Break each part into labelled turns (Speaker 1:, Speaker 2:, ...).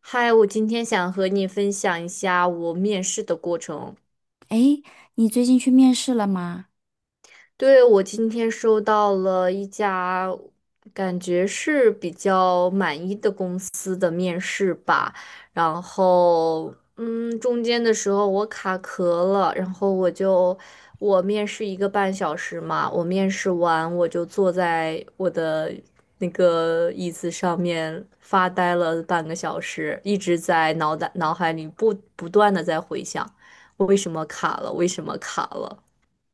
Speaker 1: 嗨，我今天想和你分享一下我面试的过程。
Speaker 2: 诶，你最近去面试了吗？
Speaker 1: 对，我今天收到了一家感觉是比较满意的公司的面试吧，然后中间的时候我卡壳了，然后我就我面试1个半小时嘛，我面试完我就坐在我的那个椅子上面发呆了半个小时，一直在脑海里不断的在回想，为什么卡了，为什么卡了。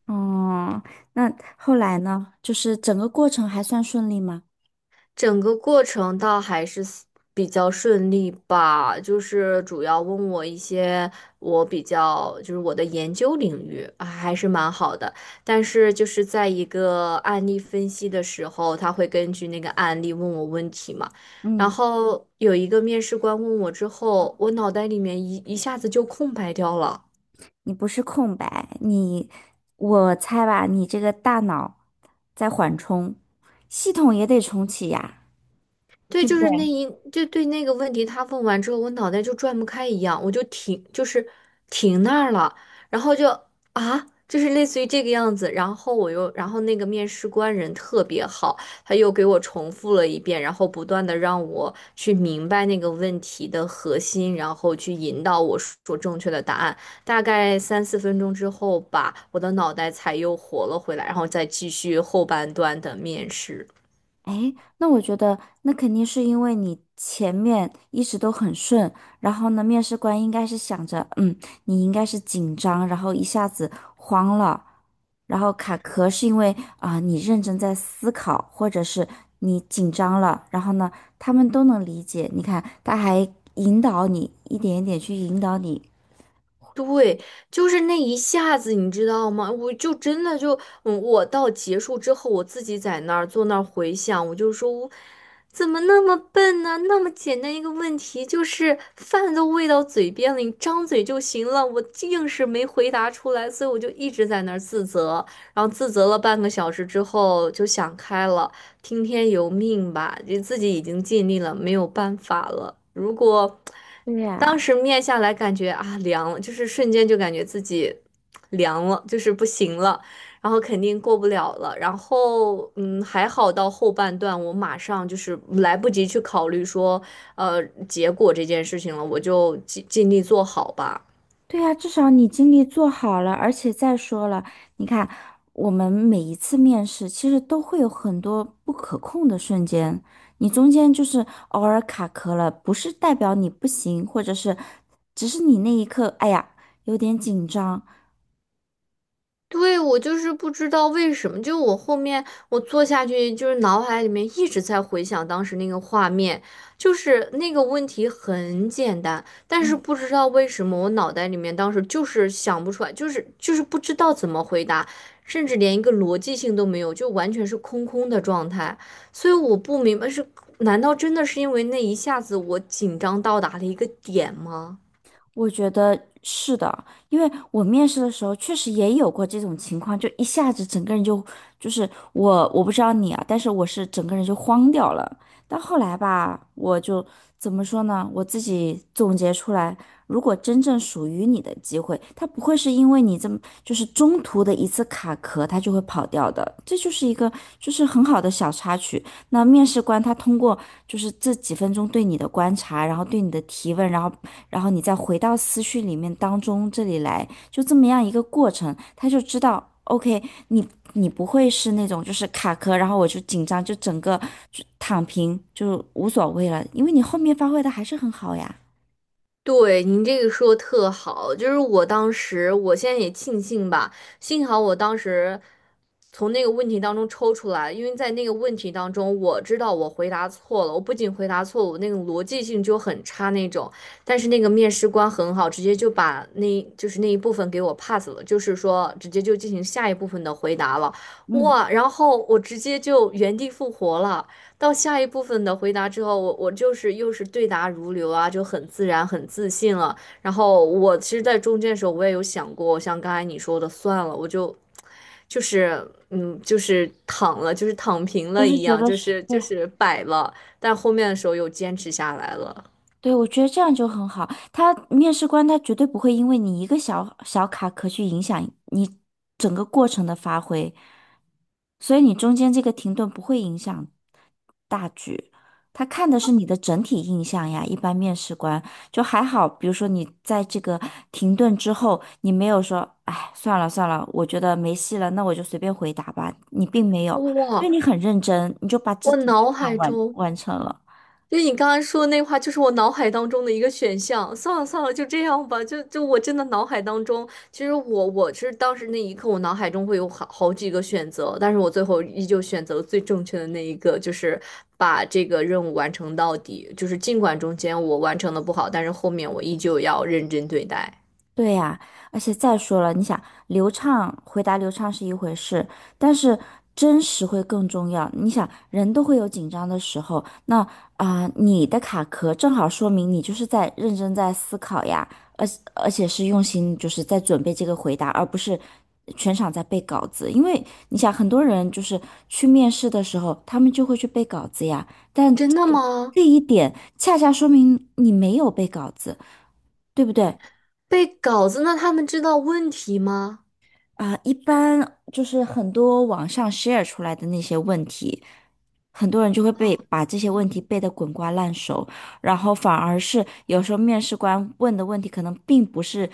Speaker 2: 哦，那后来呢？就是整个过程还算顺利吗？
Speaker 1: 整个过程倒还是 比较顺利吧，就是主要问我一些我比较就是我的研究领域，啊还是蛮好的。但是就是在一个案例分析的时候，他会根据那个案例问我问题嘛。然
Speaker 2: 嗯，
Speaker 1: 后有一个面试官问我之后，我脑袋里面一下子就空白掉了。
Speaker 2: 你不是空白，你，我猜吧，你这个大脑在缓冲，系统也得重启呀，
Speaker 1: 对，
Speaker 2: 对不
Speaker 1: 就
Speaker 2: 对？
Speaker 1: 是那一，就对那个问题，他问完之后，我脑袋就转不开一样，我就停，就是停那儿了，然后就啊，就是类似于这个样子，然后我又，然后那个面试官人特别好，他又给我重复了一遍，然后不断的让我去明白那个问题的核心，然后去引导我说正确的答案。大概3、4分钟之后吧，我的脑袋才又活了回来，然后再继续后半段的面试。
Speaker 2: 哎，那我觉得那肯定是因为你前面一直都很顺，然后呢，面试官应该是想着，嗯，你应该是紧张，然后一下子慌了，然后卡壳是因为啊、你认真在思考，或者是你紧张了，然后呢，他们都能理解。你看，他还引导你一点一点去引导你。
Speaker 1: 对，就是那一下子，你知道吗？我就真的就，我到结束之后，我自己在那儿坐那儿回想，我就说，我怎么那么笨呢？那么简单一个问题，就是饭都喂到嘴边了，你张嘴就行了，我硬是没回答出来，所以我就一直在那儿自责，然后自责了半个小时之后就想开了。听天由命吧，就自己已经尽力了，没有办法了。如果
Speaker 2: 对
Speaker 1: 当
Speaker 2: 呀、
Speaker 1: 时面下来，感觉啊凉了，就是瞬间就感觉自己凉了，就是不行了，然后肯定过不了了。然后还好到后半段，我马上就是来不及去考虑说呃结果这件事情了，我就尽力做好吧。
Speaker 2: 对呀，至少你经历做好了，而且再说了，你看，我们每一次面试其实都会有很多不可控的瞬间，你中间就是偶尔卡壳了，不是代表你不行，或者是只是你那一刻，哎呀，有点紧张。
Speaker 1: 对，我就是不知道为什么，就我后面我坐下去，就是脑海里面一直在回想当时那个画面，就是那个问题很简单，但是
Speaker 2: 嗯，
Speaker 1: 不知道为什么我脑袋里面当时就是想不出来，就是不知道怎么回答，甚至连一个逻辑性都没有，就完全是空空的状态，所以我不明白是，难道真的是因为那一下子我紧张到达了一个点吗？
Speaker 2: 我觉得是的，因为我面试的时候确实也有过这种情况，就一下子整个人就就是我不知道你啊，但是我是整个人就慌掉了。但后来吧，我就怎么说呢？我自己总结出来，如果真正属于你的机会，它不会是因为你这么就是中途的一次卡壳，它就会跑掉的。这就是一个就是很好的小插曲。那面试官他通过就是这几分钟对你的观察，然后对你的提问，然后然后你再回到思绪里面当中这里来，就这么样一个过程，他就知道，OK,你你不会是那种就是卡壳，然后我就紧张，就整个就躺平，就无所谓了，因为你后面发挥的还是很好呀。
Speaker 1: 对，您这个说得特好，就是我当时，我现在也庆幸吧，幸好我当时从那个问题当中抽出来，因为在那个问题当中，我知道我回答错了，我不仅回答错了，我那个逻辑性就很差那种，但是那个面试官很好，直接就把那就是那一部分给我 pass 了，就是说直接就进行下一部分的回答了，
Speaker 2: 嗯，
Speaker 1: 哇，然后我直接就原地复活了。到下一部分的回答之后，我就是又是对答如流啊，就很自然、很自信了。然后我其实，在中间的时候，我也有想过，像刚才你说的，算了，我就就是就是躺了，就是躺平
Speaker 2: 就
Speaker 1: 了
Speaker 2: 是
Speaker 1: 一
Speaker 2: 觉
Speaker 1: 样，
Speaker 2: 得
Speaker 1: 就
Speaker 2: 是，
Speaker 1: 是就
Speaker 2: 对，
Speaker 1: 是摆了。但后面的时候又坚持下来了。
Speaker 2: 对，我觉得这样就很好。他面试官他绝对不会因为你一个小小卡壳去影响你整个过程的发挥，所以你中间这个停顿不会影响大局。他看的是你的整体印象呀。一般面试官就还好，比如说你在这个停顿之后，你没有说"哎，算了算了，我觉得没戏了，那我就随便回答吧"，你并没有，所
Speaker 1: 哇，
Speaker 2: 以你很认真，你就把这
Speaker 1: 我脑
Speaker 2: 场
Speaker 1: 海
Speaker 2: 完
Speaker 1: 中
Speaker 2: 完成了。
Speaker 1: 就是你刚才说的那话，就是我脑海当中的一个选项。算了算了，就这样吧。就我真的脑海当中，其实我是当时那一刻，我脑海中会有好几个选择，但是我最后依旧选择了最正确的那一个，就是把这个任务完成到底。就是尽管中间我完成的不好，但是后面我依旧要认真对待。
Speaker 2: 对呀，而且再说了，你想流畅，回答流畅是一回事，但是真实会更重要。你想，人都会有紧张的时候，那啊、你的卡壳正好说明你就是在认真在思考呀，而而且是用心，就是在准备这个回答，而不是全场在背稿子。因为你想，很多人就是去面试的时候，他们就会去背稿子呀，但
Speaker 1: 真的
Speaker 2: 这
Speaker 1: 吗？
Speaker 2: 这一点恰恰说明你没有背稿子，对不对？
Speaker 1: 背稿子，那他们知道问题吗？
Speaker 2: 啊，一般就是很多网上 share 出来的那些问题，很多人就会被
Speaker 1: 啊。
Speaker 2: 把这些问题背得滚瓜烂熟，然后反而是有时候面试官问的问题可能并不是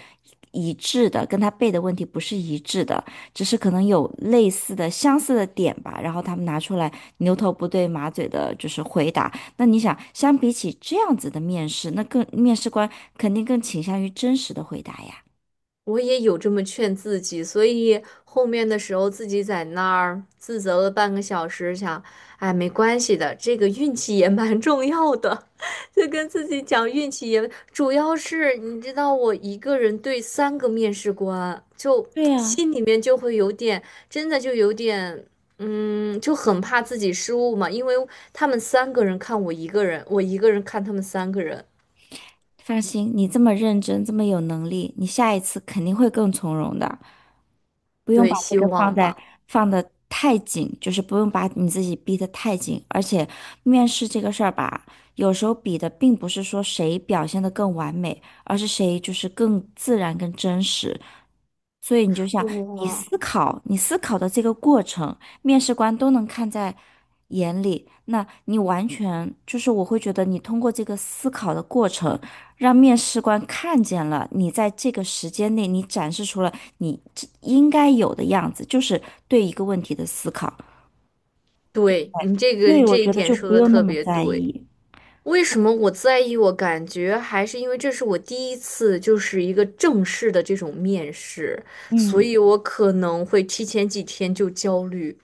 Speaker 2: 一致的，跟他背的问题不是一致的，只是可能有类似的、相似的点吧，然后他们拿出来牛头不对马嘴的，就是回答。那你想，相比起这样子的面试，那更面试官肯定更倾向于真实的回答呀。
Speaker 1: 我也有这么劝自己，所以后面的时候自己在那儿自责了半个小时，想，哎，没关系的，这个运气也蛮重要的，就跟自己讲运气也，主要是你知道我一个人对3个面试官，就
Speaker 2: 对呀、
Speaker 1: 心里面就会有点，真的就有点，就很怕自己失误嘛，因为他们三个人看我一个人，我一个人看他们三个人，
Speaker 2: 放心，你这么认真，这么有能力，你下一次肯定会更从容的，不用
Speaker 1: 对，
Speaker 2: 把这
Speaker 1: 希
Speaker 2: 个放
Speaker 1: 望
Speaker 2: 在
Speaker 1: 吧，
Speaker 2: 放的太紧，就是不用把你自己逼得太紧。而且面试这个事儿吧，有时候比的并不是说谁表现得更完美，而是谁就是更自然、更真实。所以你就像你
Speaker 1: 哇。
Speaker 2: 思考，你思考的这个过程，面试官都能看在眼里。那你完全就是，我会觉得你通过这个思考的过程，让面试官看见了你在这个时间内，你展示出了你应该有的样子，就是对一个问题的思考。
Speaker 1: 对，你这
Speaker 2: 所
Speaker 1: 个
Speaker 2: 以我
Speaker 1: 这一
Speaker 2: 觉得
Speaker 1: 点
Speaker 2: 就
Speaker 1: 说
Speaker 2: 不
Speaker 1: 的
Speaker 2: 用那
Speaker 1: 特
Speaker 2: 么
Speaker 1: 别
Speaker 2: 在
Speaker 1: 对。
Speaker 2: 意。
Speaker 1: 为什么我在意？我感觉还是因为这是我第一次，就是一个正式的这种面试，所
Speaker 2: 嗯
Speaker 1: 以我可能会提前几天就焦虑。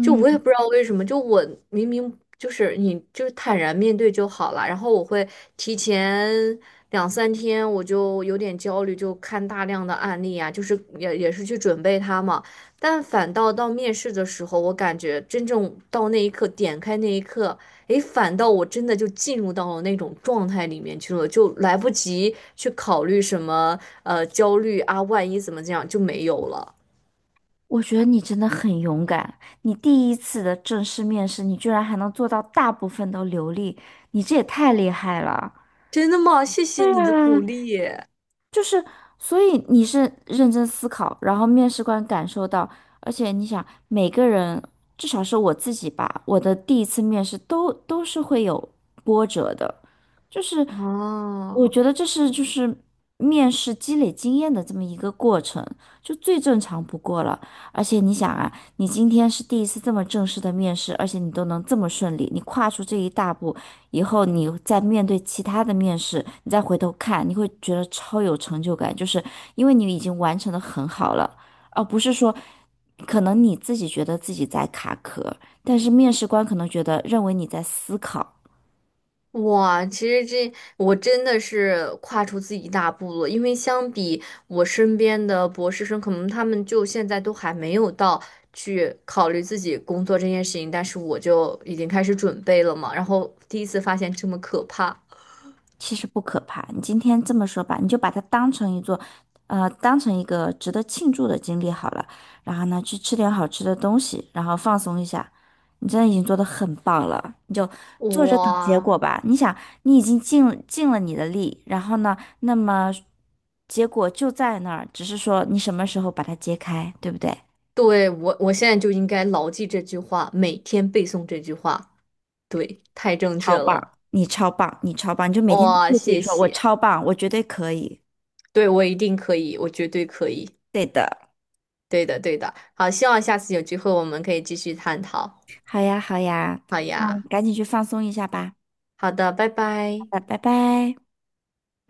Speaker 1: 就我也不知道为什么，就我明明就是你就是坦然面对就好了，然后我会提前2、3天我就有点焦虑，就看大量的案例啊，就是也是去准备它嘛，但反倒到面试的时候，我感觉真正到那一刻点开那一刻，诶，反倒我真的就进入到了那种状态里面去了，就来不及去考虑什么焦虑啊，万一怎么这样就没有了。
Speaker 2: 我觉得你真的很勇敢，你第一次的正式面试，你居然还能做到大部分都流利，你这也太厉害了。
Speaker 1: 真的吗？谢谢
Speaker 2: 对
Speaker 1: 你的
Speaker 2: 啊，
Speaker 1: 鼓励。
Speaker 2: 就是，所以你是认真思考，然后面试官感受到，而且你想，每个人至少是我自己吧，我的第一次面试都是会有波折的，就是我
Speaker 1: 哦，
Speaker 2: 觉得这是就是面试积累经验的这么一个过程，就最正常不过了。而且你想啊，你今天是第一次这么正式的面试，而且你都能这么顺利，你跨出这一大步，以后你再面对其他的面试，你再回头看，你会觉得超有成就感，就是因为你已经完成的很好了，而不是说可能你自己觉得自己在卡壳，但是面试官可能觉得认为你在思考，
Speaker 1: 哇，其实这我真的是跨出自己一大步了，因为相比我身边的博士生，可能他们就现在都还没有到去考虑自己工作这件事情，但是我就已经开始准备了嘛，然后第一次发现这么可怕，
Speaker 2: 其实不可怕。你今天这么说吧，你就把它当成一座，当成一个值得庆祝的经历好了。然后呢，去吃点好吃的东西，然后放松一下。你真的已经做得很棒了，你就坐着等结
Speaker 1: 哇，
Speaker 2: 果吧。你想，你已经尽尽了你的力，然后呢，那么结果就在那儿，只是说你什么时候把它揭开，对不对？
Speaker 1: 对，我现在就应该牢记这句话，每天背诵这句话，对，太正确
Speaker 2: 超
Speaker 1: 了，
Speaker 2: 棒，你超棒，你超棒，你就每天
Speaker 1: 哇，
Speaker 2: 对自己
Speaker 1: 谢
Speaker 2: 说，我
Speaker 1: 谢，
Speaker 2: 超棒，我绝对可以。
Speaker 1: 对，我一定可以，我绝对可以。
Speaker 2: 对的。
Speaker 1: 对的，对的。好，希望下次有机会我们可以继续探讨。
Speaker 2: 好呀，好呀，
Speaker 1: 好
Speaker 2: 那你
Speaker 1: 呀，
Speaker 2: 赶紧去放松一下吧。
Speaker 1: 好的，拜
Speaker 2: 好
Speaker 1: 拜。
Speaker 2: 的，拜拜。